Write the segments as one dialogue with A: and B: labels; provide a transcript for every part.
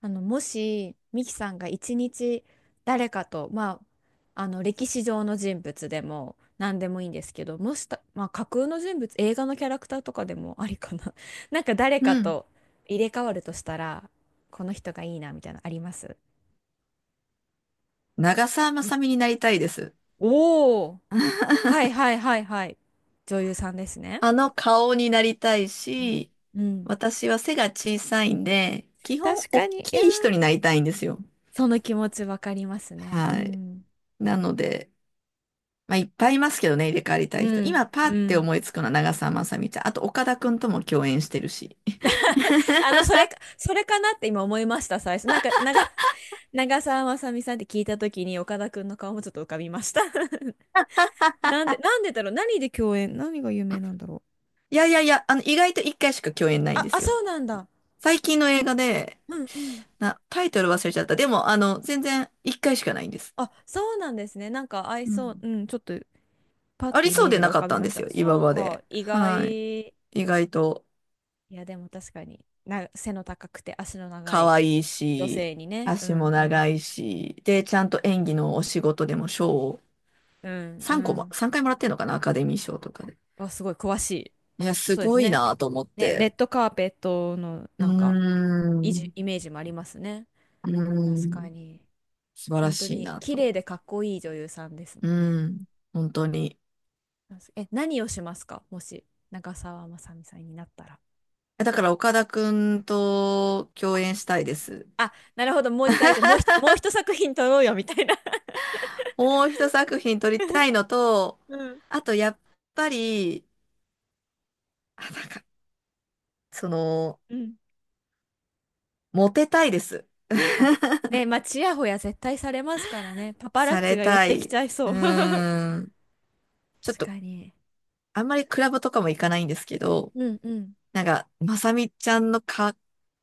A: もし、ミキさんが一日誰かと、まあ、歴史上の人物でも何でもいいんですけど、もした、まあ、架空の人物、映画のキャラクターとかでもありかな。なんか誰
B: う
A: か
B: ん。
A: と入れ替わるとしたら、この人がいいな、みたいなのあります？
B: 長澤まさみになりたいです。
A: おおー、はいはいはいはい。女優さんですね。
B: あの顔になりたい
A: うん。
B: し、
A: うん。
B: 私は背が小さいんで、基本
A: 確か
B: 大
A: に。いやー、
B: きい人になりたいんですよ。
A: その気持ちわかりますね。う
B: はい。
A: ん。
B: なので、まあ、いっぱいいますけどね、入れ替わりたい
A: う
B: 人。
A: ん。
B: 今パー
A: う
B: って
A: ん。
B: 思いつくのは長澤まさみちゃん。あと岡田くんとも共演してるし。
A: それか、それかなって今思いました、最初。なんか、長澤まさみさんって聞いたときに、岡田くんの顔もちょっと浮かびました。なんでだろう、何で共演？何が有名なんだろう？
B: いやいやいや、意外と一回しか共演ないん
A: あ、
B: で
A: あ、
B: すよ。
A: そうなんだ。
B: 最近の映画で、
A: うんうん。
B: タイトル忘れちゃった。でも、全然一回しかないんです。
A: あ、そうなんですね。なんか合い
B: う
A: そう。う
B: ん。
A: ん、ちょっと、パッ
B: あ
A: て
B: り
A: イ
B: そう
A: メー
B: で
A: ジが
B: な
A: 浮
B: かっ
A: かび
B: たん
A: ま
B: で
A: し
B: す
A: た。
B: よ、今
A: そう
B: ま
A: か、
B: で。
A: 意
B: はい。
A: 外。い
B: 意外と
A: や、でも確かに、背の高くて足の長
B: 可
A: い
B: 愛い
A: 女
B: し、
A: 性にね。う
B: 足も
A: んうん。
B: 長いし、で、ちゃんと演技のお仕事でも賞を
A: うんう
B: 3個も、
A: ん。
B: 3回もらってるのかな、アカデミー賞とかで。
A: あ、すごい詳しい。
B: いや、す
A: そうです
B: ごい
A: ね。
B: なと思っ
A: ね、レッ
B: て。
A: ドカーペットの
B: うー
A: なんか
B: ん、う
A: イメージもありますね。
B: ー
A: 確か
B: ん、
A: に。
B: 素晴ら
A: 本当
B: しい
A: に
B: な
A: 綺
B: と。
A: 麗でかっこいい女優さんですも
B: う
A: んね。
B: ん、本当に。
A: 何をしますか？もし、長澤まさみさんになったら。
B: だから岡田くんと共演したいです。
A: あ、なるほど、もう一回、じゃあもう一作品撮ろうよ、みたいな。
B: もう一作品撮りたいのと、
A: うん。
B: あとやっぱり、あ、なんか、その、
A: うん。
B: モテたいです。
A: あ、ね、まあ、ちやほや絶対されますからね。パパラッ
B: さ
A: チ
B: れ
A: が寄っ
B: た
A: てき
B: い。
A: ちゃい
B: う
A: そう。確
B: ーん。ちょっと、
A: かに。
B: あんまりクラブとかも行かないんですけど、
A: うんうん。
B: なんか、まさみちゃんのか、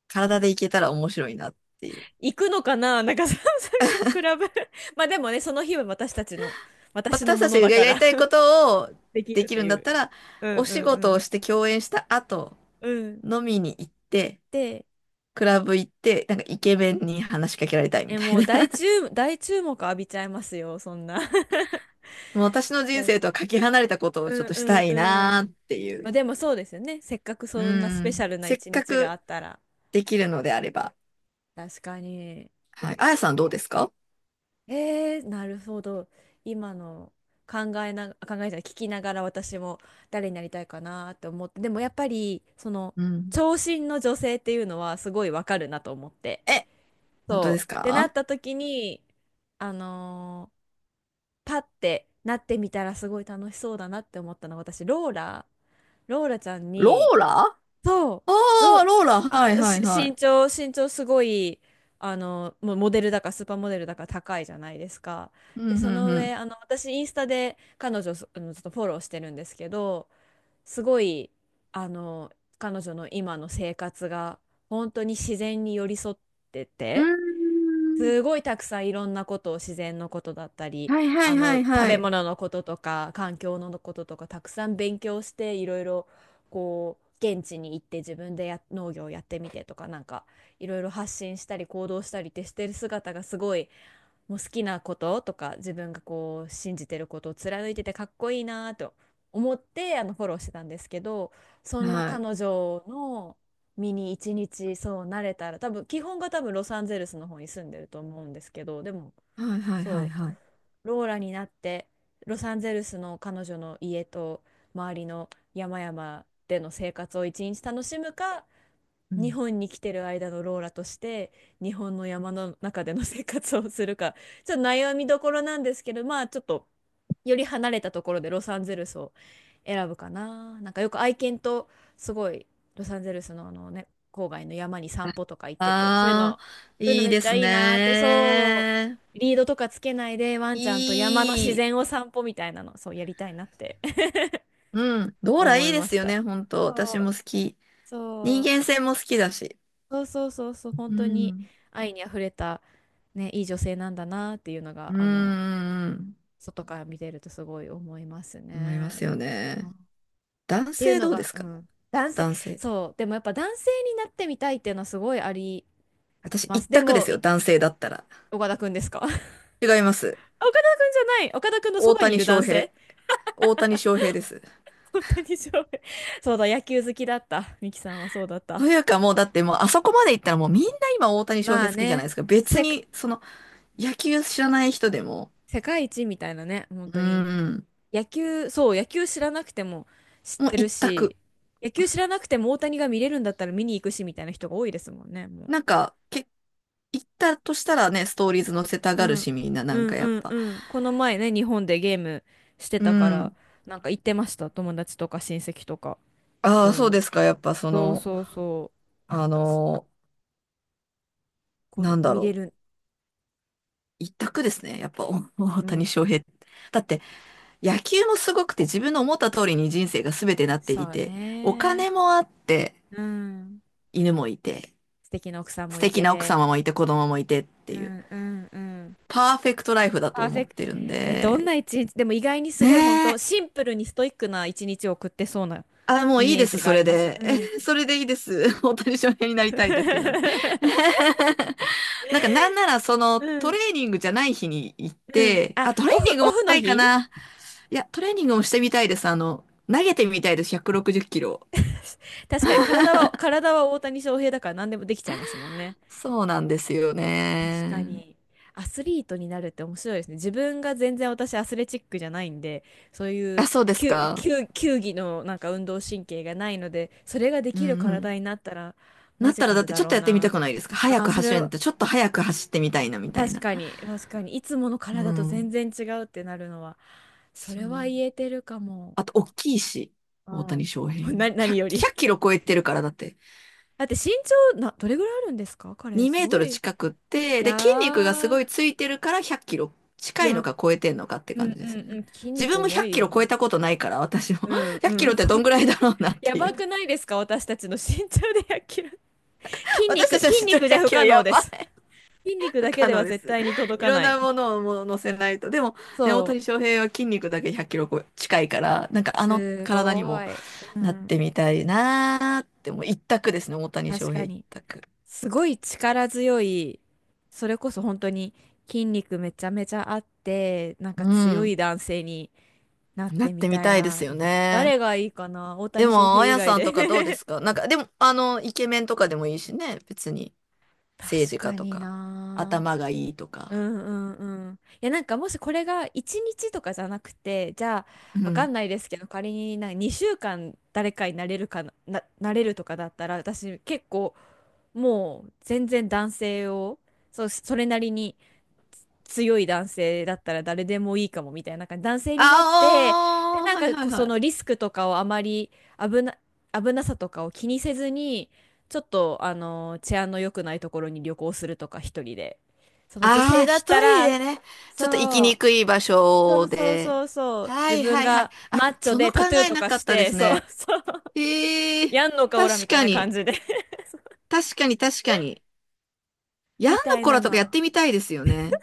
B: 体で行けたら面白いなっていう。
A: 行くのかな、なんか、ささみさん、クラブ。まあでもね、その日は私たちの、私の
B: 私
A: も
B: た
A: の
B: ち
A: だ
B: が
A: か
B: やり
A: ら。
B: たいことを
A: でき
B: で
A: るっ
B: き
A: て
B: るん
A: い
B: だった
A: う。
B: ら、
A: うん
B: お
A: う
B: 仕事を
A: ん
B: して共演した後、
A: うん。うん。
B: 飲みに行って、
A: で、
B: クラブ行って、なんかイケメンに話しかけられたいみ
A: え、
B: た
A: も
B: い
A: う
B: な。
A: 大注目浴びちゃいますよ、そんな。
B: もう私の 人
A: 確
B: 生と
A: か。
B: はかけ離れたことを
A: う
B: ちょっ
A: ん
B: とし
A: う
B: た
A: ん
B: い
A: うん。
B: なーってい
A: ま
B: う。
A: あでもそうですよね。せっかく
B: う
A: そんなスペシ
B: ん。
A: ャルな
B: せっ
A: 一
B: か
A: 日があ
B: く
A: ったら。
B: できるのであれば。
A: 確かに。
B: はい。あやさんどうですか？
A: えー、なるほど。今の考えじゃない、聞きながら私も誰になりたいかなって思って、でもやっぱり、その、
B: うん。
A: 長身の女性っていうのはすごいわかるなと思って。
B: え、本当で
A: そ
B: す
A: う。ってなっ
B: か？
A: た時に、あのーパッてなってみたらすごい楽しそうだなって思ったのは私ローラローラちゃん
B: ロ
A: に。
B: ーラ？あ
A: そう、
B: あー、
A: ロ、
B: ローラ、は
A: あ、
B: いは
A: し、
B: いはい。
A: 身長、身長すごい、もうモデルだかスーパーモデルだか高いじゃないですか。
B: う
A: で、
B: んう
A: そ
B: ん
A: の
B: う
A: 上、
B: ん。
A: 私、インスタで彼女、そあのちょっとフォローしてるんですけど、すごい、あの、彼女の今の生活が、本当に自然に寄り添って
B: うー
A: て、
B: ん。
A: すごいたくさんいろんなことを、自然のことだったり
B: はいはいはい
A: 食
B: は
A: べ
B: い。
A: 物のこととか環境のこととかたくさん勉強していろいろ、こう現地に行って自分で農業をやってみてとか、なんかいろいろ発信したり行動したりってしてる姿がすごい、もう好きなこととか自分がこう信じてることを貫いててかっこいいなと思ってフォローしてたんですけど、そんな
B: はい。
A: 彼女の身に一日そうなれたら、多分基本が多分ロサンゼルスの方に住んでると思うんですけど、でも
B: はいはいはい
A: そ
B: はい。
A: うローラになってロサンゼルスの彼女の家と周りの山々での生活を一日楽しむか、
B: う
A: 日
B: ん。
A: 本に来てる間のローラとして日本の山の中での生活をするか、 ちょっと悩みどころなんですけど、まあちょっとより離れたところでロサンゼルスを選ぶかな。なんかよく愛犬とすごいロサンゼルスのね、郊外の山に散歩とか行ってて、そういう
B: ああ
A: の、
B: ー、
A: そういうの
B: いい
A: めっ
B: で
A: ちゃ
B: す
A: いいなーって、そ
B: ね。
A: うリードとかつけないでワンちゃんと山の自
B: いい。
A: 然を散歩みたいなの、そうやりたいなって。
B: うん。ローラ
A: 思
B: いい
A: い
B: で
A: ま
B: す
A: し
B: よ
A: た。
B: ね、本当。
A: そ
B: 私
A: う、
B: も好き。
A: そ
B: 人
A: う
B: 間性も好きだし。
A: そうそうそうそう、本
B: う
A: 当に
B: ん。
A: 愛にあふれた、ね、いい女性なんだなっていうの
B: うん
A: が、
B: うんうん。
A: 外から見てるとすごい思います
B: 思いま
A: ね。
B: すよ
A: うん。
B: ね。
A: っ
B: 男
A: ていう
B: 性
A: の
B: どうで
A: が、
B: す
A: う
B: か？
A: ん、男性、
B: 男性。
A: そう、でもやっぱ男性になってみたいっていうのはすごいあり
B: 私
A: ま
B: 一
A: す。で
B: 択で
A: も、
B: すよ、男性だったら。
A: 岡田くんですか？ 岡田
B: 違いま
A: くん
B: す。
A: じゃない、岡田くんのそ
B: 大
A: ばにい
B: 谷
A: る
B: 翔
A: 男
B: 平。
A: 性。
B: 大谷翔平です。
A: 本当にそう。そうだ、野球好きだった。ミキさんはそうだっ
B: と
A: た。
B: いうかもうだってもうあそこまで行ったらもうみんな今大谷翔
A: ま
B: 平
A: あ
B: 好きじゃない
A: ね、
B: ですか。別
A: せ
B: にその野球知らない人でも、
A: 世界一みたいなね、本
B: うー
A: 当に
B: ん、
A: 野球、そう、野球知らなくても知っ
B: もう
A: てる
B: 一択。
A: し、野球知らなくても大谷が見れるんだったら見に行くしみたいな人が多いですもんね、も
B: なんか、け、行ったとしたらね、ストーリーズ載せた
A: う。
B: がる
A: うん。
B: しみんななん
A: うん
B: かやっ
A: うん
B: ぱ。
A: うん。この前ね、日本でゲームして
B: う
A: たから、
B: ん。
A: なんか行ってました、友達とか親戚とか。
B: ああ、そう
A: そ
B: ですか。やっぱそ
A: う。そう
B: の、
A: そうそ
B: あ
A: う。
B: のー
A: こ
B: な
A: う、
B: んだ
A: 見れ
B: ろ
A: る。
B: う。一択ですね。やっぱお大
A: う
B: 谷
A: ん。
B: 翔平。だって野球もすごくて自分の思った通りに人生が全てなって
A: そ
B: い
A: う
B: て、お
A: ね。
B: 金もあって、
A: うん。
B: 犬もいて、
A: 素敵な奥さん
B: 素
A: もい
B: 敵な奥
A: て。
B: 様もいて、子供もいてって
A: う
B: いう、
A: んうんうん。
B: パーフェクトライフだと
A: パーフ
B: 思
A: ェ
B: っ
A: ク
B: て
A: ト。
B: るん
A: え、どん
B: で、
A: な一日、でも意外にすごい本
B: ね
A: 当
B: え。
A: シンプルにストイックな一日を送ってそうな
B: あ、もう
A: イ
B: いい
A: メー
B: で
A: ジ
B: す、
A: が
B: そ
A: あり
B: れ
A: ます。
B: で。
A: う ん。
B: それでいいです。大谷翔平になりたいだけなんで。なんか、なんなら、その、
A: う
B: トレ
A: ん。
B: ーニングじゃない日に行っ
A: うん。
B: て、
A: あ、
B: あ、トレー
A: オフ、
B: ニング
A: オ
B: も
A: フ
B: した
A: の
B: いか
A: 日？
B: な。いや、トレーニングもしてみたいです。あの、投げてみたいです、160キロ。
A: 確かに体は大谷翔平だから何でもできちゃいますもんね。
B: そうなんですよ
A: 確か
B: ね。
A: に。アスリートになるって面白いですね。自分が全然、私アスレチックじゃないんで、そうい
B: あ、
A: う
B: そうですか。
A: 球技のなんか運動神経がないので、それがで
B: う
A: きる
B: んう
A: 体
B: ん。
A: になったら
B: な
A: マ
B: っ
A: ジ
B: たら
A: カ
B: だっ
A: ル
B: て
A: だ
B: ちょっ
A: ろ
B: と
A: う
B: やってみた
A: な。
B: くないですか？早
A: あー、
B: く
A: そ
B: 走
A: れ、
B: るんだってちょっと早く走ってみたいなみたい
A: 確
B: な。
A: かに、確かに。いつもの
B: う
A: 体と全
B: ん。
A: 然違うってなるのは、そ
B: そ
A: れは
B: う。
A: 言えてるかも。
B: あと、大きいし、
A: う
B: 大谷
A: ん。
B: 翔平 も。
A: 何
B: 100、
A: よ
B: ひ
A: り。
B: ゃくキロ超えてるからだって。
A: だって身長な、どれぐらいあるんですか彼、
B: 2
A: す
B: メー
A: ご
B: トル
A: い。い
B: 近くって、で、
A: や
B: 筋肉がすご
A: ー、
B: いついてるから100キロ近
A: よ、
B: いのか超えてんのかって
A: う
B: 感
A: ん
B: じ
A: う
B: です
A: ん
B: よ
A: う
B: ね。
A: ん、筋
B: 自
A: 肉
B: 分も
A: 重
B: 100
A: い
B: キロ
A: も
B: 超え
A: ん。
B: たことないから、私も。
A: うん
B: 100
A: う
B: キロ
A: ん。
B: ってどんぐらいだろうなっ
A: や
B: てい
A: ば
B: う。
A: くないですか、私たちの身長で0 0キロ。筋
B: 私
A: 肉、
B: たちの
A: 筋
B: 身長
A: 肉じ
B: 100
A: ゃ不
B: キ
A: 可
B: ロ
A: 能
B: や
A: で
B: ばい。
A: す。筋 肉
B: 不
A: だけ
B: 可
A: で
B: 能
A: は
B: で
A: 絶
B: す。
A: 対に届
B: い
A: か
B: ろん
A: ない。
B: なものをもう乗せないと。でも、ね、大
A: そ
B: 谷翔平は筋肉だけ100キロ近いから、なんか
A: う。
B: あの
A: す
B: 体に
A: ご
B: も
A: い。う
B: なっ
A: ん。
B: てみたいなーって、もう一択ですね、大谷
A: 確
B: 翔平
A: か
B: 一
A: に。
B: 択。
A: すごい力強い、それこそ本当に筋肉めちゃめちゃあって、なんか
B: う
A: 強い
B: ん。
A: 男性になっ
B: なっ
A: てみ
B: てみ
A: たい
B: たいです
A: な。
B: よね。
A: 誰がいいかな、大
B: で
A: 谷翔
B: も、
A: 平
B: あ
A: 以
B: や
A: 外
B: さん
A: で。
B: とかどうですか？なんか、でも、あの、イケメンとかでもいいしね、別に。政
A: 確
B: 治家
A: か
B: と
A: に
B: か、
A: な。
B: 頭がいいと
A: う
B: か。
A: んうんうん。いや、なんかもしこれが1日とかじゃなくて、じゃあ
B: う
A: わか
B: ん。
A: んないですけど、仮になんか2週間誰かになれるかな、なれるとかだったら、私結構もう全然男性を、そう、それなりに強い男性だったら誰でもいいかもみたいな、なんか男性になって、で、
B: ああ、
A: なん
B: はい
A: か
B: は
A: こ
B: い
A: うそ
B: はい。
A: のリスクとかをあまり、危な、危なさとかを気にせずに、ちょっと治安の良くないところに旅行するとか一人で。その女
B: あ
A: 性
B: あ、
A: だっ
B: 一
A: た
B: 人
A: ら、
B: でね、ちょっと行き
A: そ
B: に
A: う、
B: くい場
A: そう
B: 所
A: そう
B: で。
A: そうそう、
B: は
A: 自
B: い
A: 分
B: はいはい。
A: が
B: あ、
A: マッチョ
B: そ
A: で
B: の考
A: タトゥー
B: え
A: と
B: な
A: か
B: かっ
A: し
B: たで
A: て、
B: す
A: そう
B: ね。
A: そう、
B: ええ、
A: やんのかおら
B: 確
A: みたい
B: か
A: な感
B: に、
A: じで、
B: 確かに確かに。ヤン
A: み
B: の
A: たい
B: コ
A: な
B: ラとか
A: の。
B: やってみたいですよね。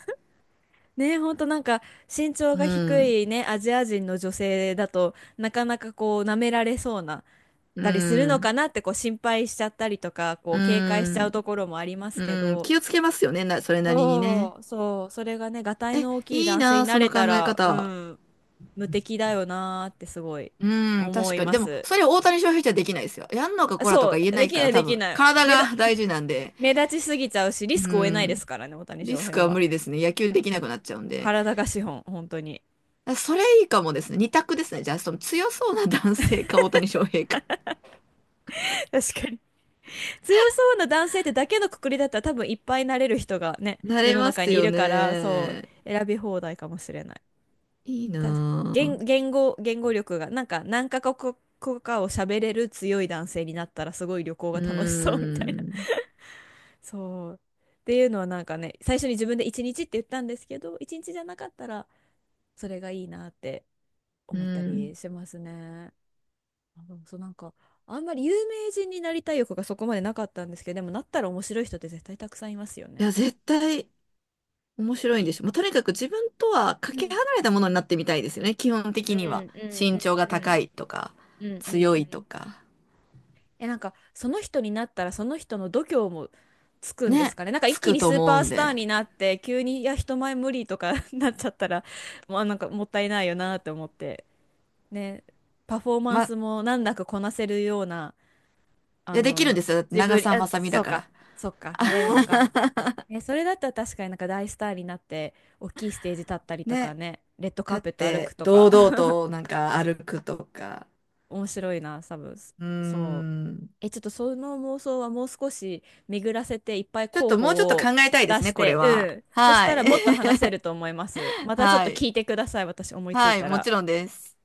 A: ね、ほんとなんか身長が
B: う
A: 低
B: ん、
A: いね、アジア人の女性だとなかなかこう舐められそうなっ
B: う
A: たりするの
B: ん、
A: かなってこう心配しちゃったりとか、こ
B: う
A: う警戒しちゃう
B: ん、
A: ところもありますけ
B: うん。
A: ど、
B: 気をつけますよね、それなりにね。
A: そうそう、それがね、がたい
B: え、
A: の大きい
B: いい
A: 男性に
B: な、
A: な
B: その
A: れ
B: 考
A: た
B: え
A: ら、う
B: 方。
A: ん、無敵だよなーってすごい
B: うん、
A: 思
B: 確
A: い
B: かに。
A: ま
B: でも、
A: す。
B: それを大谷翔平じゃできないですよ。やんのか
A: あ
B: コラと
A: そ
B: か
A: う、
B: 言えな
A: で
B: い
A: き
B: か
A: な
B: ら、
A: い
B: 多
A: でき
B: 分、
A: ない。
B: 体が大事なんで。
A: 目立ちすぎちゃうし、リ
B: う
A: スクを負えないで
B: ん。
A: すからね、大谷
B: リ
A: 翔
B: スク
A: 平
B: は無
A: は。
B: 理ですね。野球できなくなっちゃうんで。
A: 体が資本、本当に。
B: あそれいいかもですね。二択ですね。じゃあ、その強そうな男性か大谷翔平か。
A: 確かに、強そうな男性ってだけのくくりだったら、多分いっぱいなれる人がね、
B: な
A: 世
B: れ
A: の
B: ま
A: 中
B: す
A: にい
B: よ
A: るから、そ
B: ね。
A: う、選び放題かもしれない。
B: いい
A: 確か、
B: なぁ。
A: 言語力が、なんか何カ国語かを喋れる強い男性になったらすごい旅行
B: う
A: が楽しそうみたい
B: ー
A: な。
B: ん。
A: そう。っていうのはなんかね、最初に自分で1日って言ったんですけど、1日じゃなかったらそれがいいなって
B: う
A: 思ったり
B: ん。
A: しますね。あ、でもそうなんか、あんまり有名人になりたい欲がそこまでなかったんですけど、でもなったら面白い人って絶対たくさんいますよ
B: い
A: ね。
B: や、絶対面白いん
A: い
B: でしょ。もうとにかく自分とはか
A: う
B: け
A: ん。
B: 離れたものになってみたいですよね。基本
A: う
B: 的には。
A: んうん
B: 身長が
A: うんう
B: 高
A: ん
B: いとか、
A: うんう
B: 強
A: んう
B: いと
A: ん。
B: か。
A: え、なんかその人になったらその人の度胸もつくんです
B: ね。
A: かね。なんか一
B: つ
A: 気
B: く
A: に
B: と
A: スー
B: 思
A: パ
B: う
A: ー
B: ん
A: スター
B: で。
A: になって急にいや人前無理とか、 なっちゃったらもうなんかもったいないよなって思って。ね、パフォーマン
B: ま、
A: スも難なくこなせるような、
B: い
A: あ
B: や、でき
A: の
B: るんですよ。だって
A: 自
B: 長
A: 分、
B: 澤
A: あ、
B: まさみだ
A: そう
B: から。
A: か、そう か
B: あ
A: なれるのか。え、それだったら確かになんか大スターになって大きいステージ立ったりとか
B: ね。
A: ね、レッドカ
B: 立
A: ー
B: っ
A: ペット歩く
B: て
A: とか
B: 堂々となんか歩くとか。
A: 面白いな、多分。
B: うー
A: そう。
B: ん。
A: え、ちょっとその妄想はもう少し巡らせていっぱい
B: ちょっ
A: 候
B: ともうちょっ
A: 補
B: と考
A: を
B: えたいで
A: 出
B: す
A: し
B: ね、これ
A: て、う
B: は。
A: ん。そし
B: は
A: たら
B: い。
A: もっと話せると思います。またちょっ
B: は
A: と
B: い。
A: 聞いてください、私思いつい
B: はい、
A: た
B: も
A: ら。
B: ちろんです。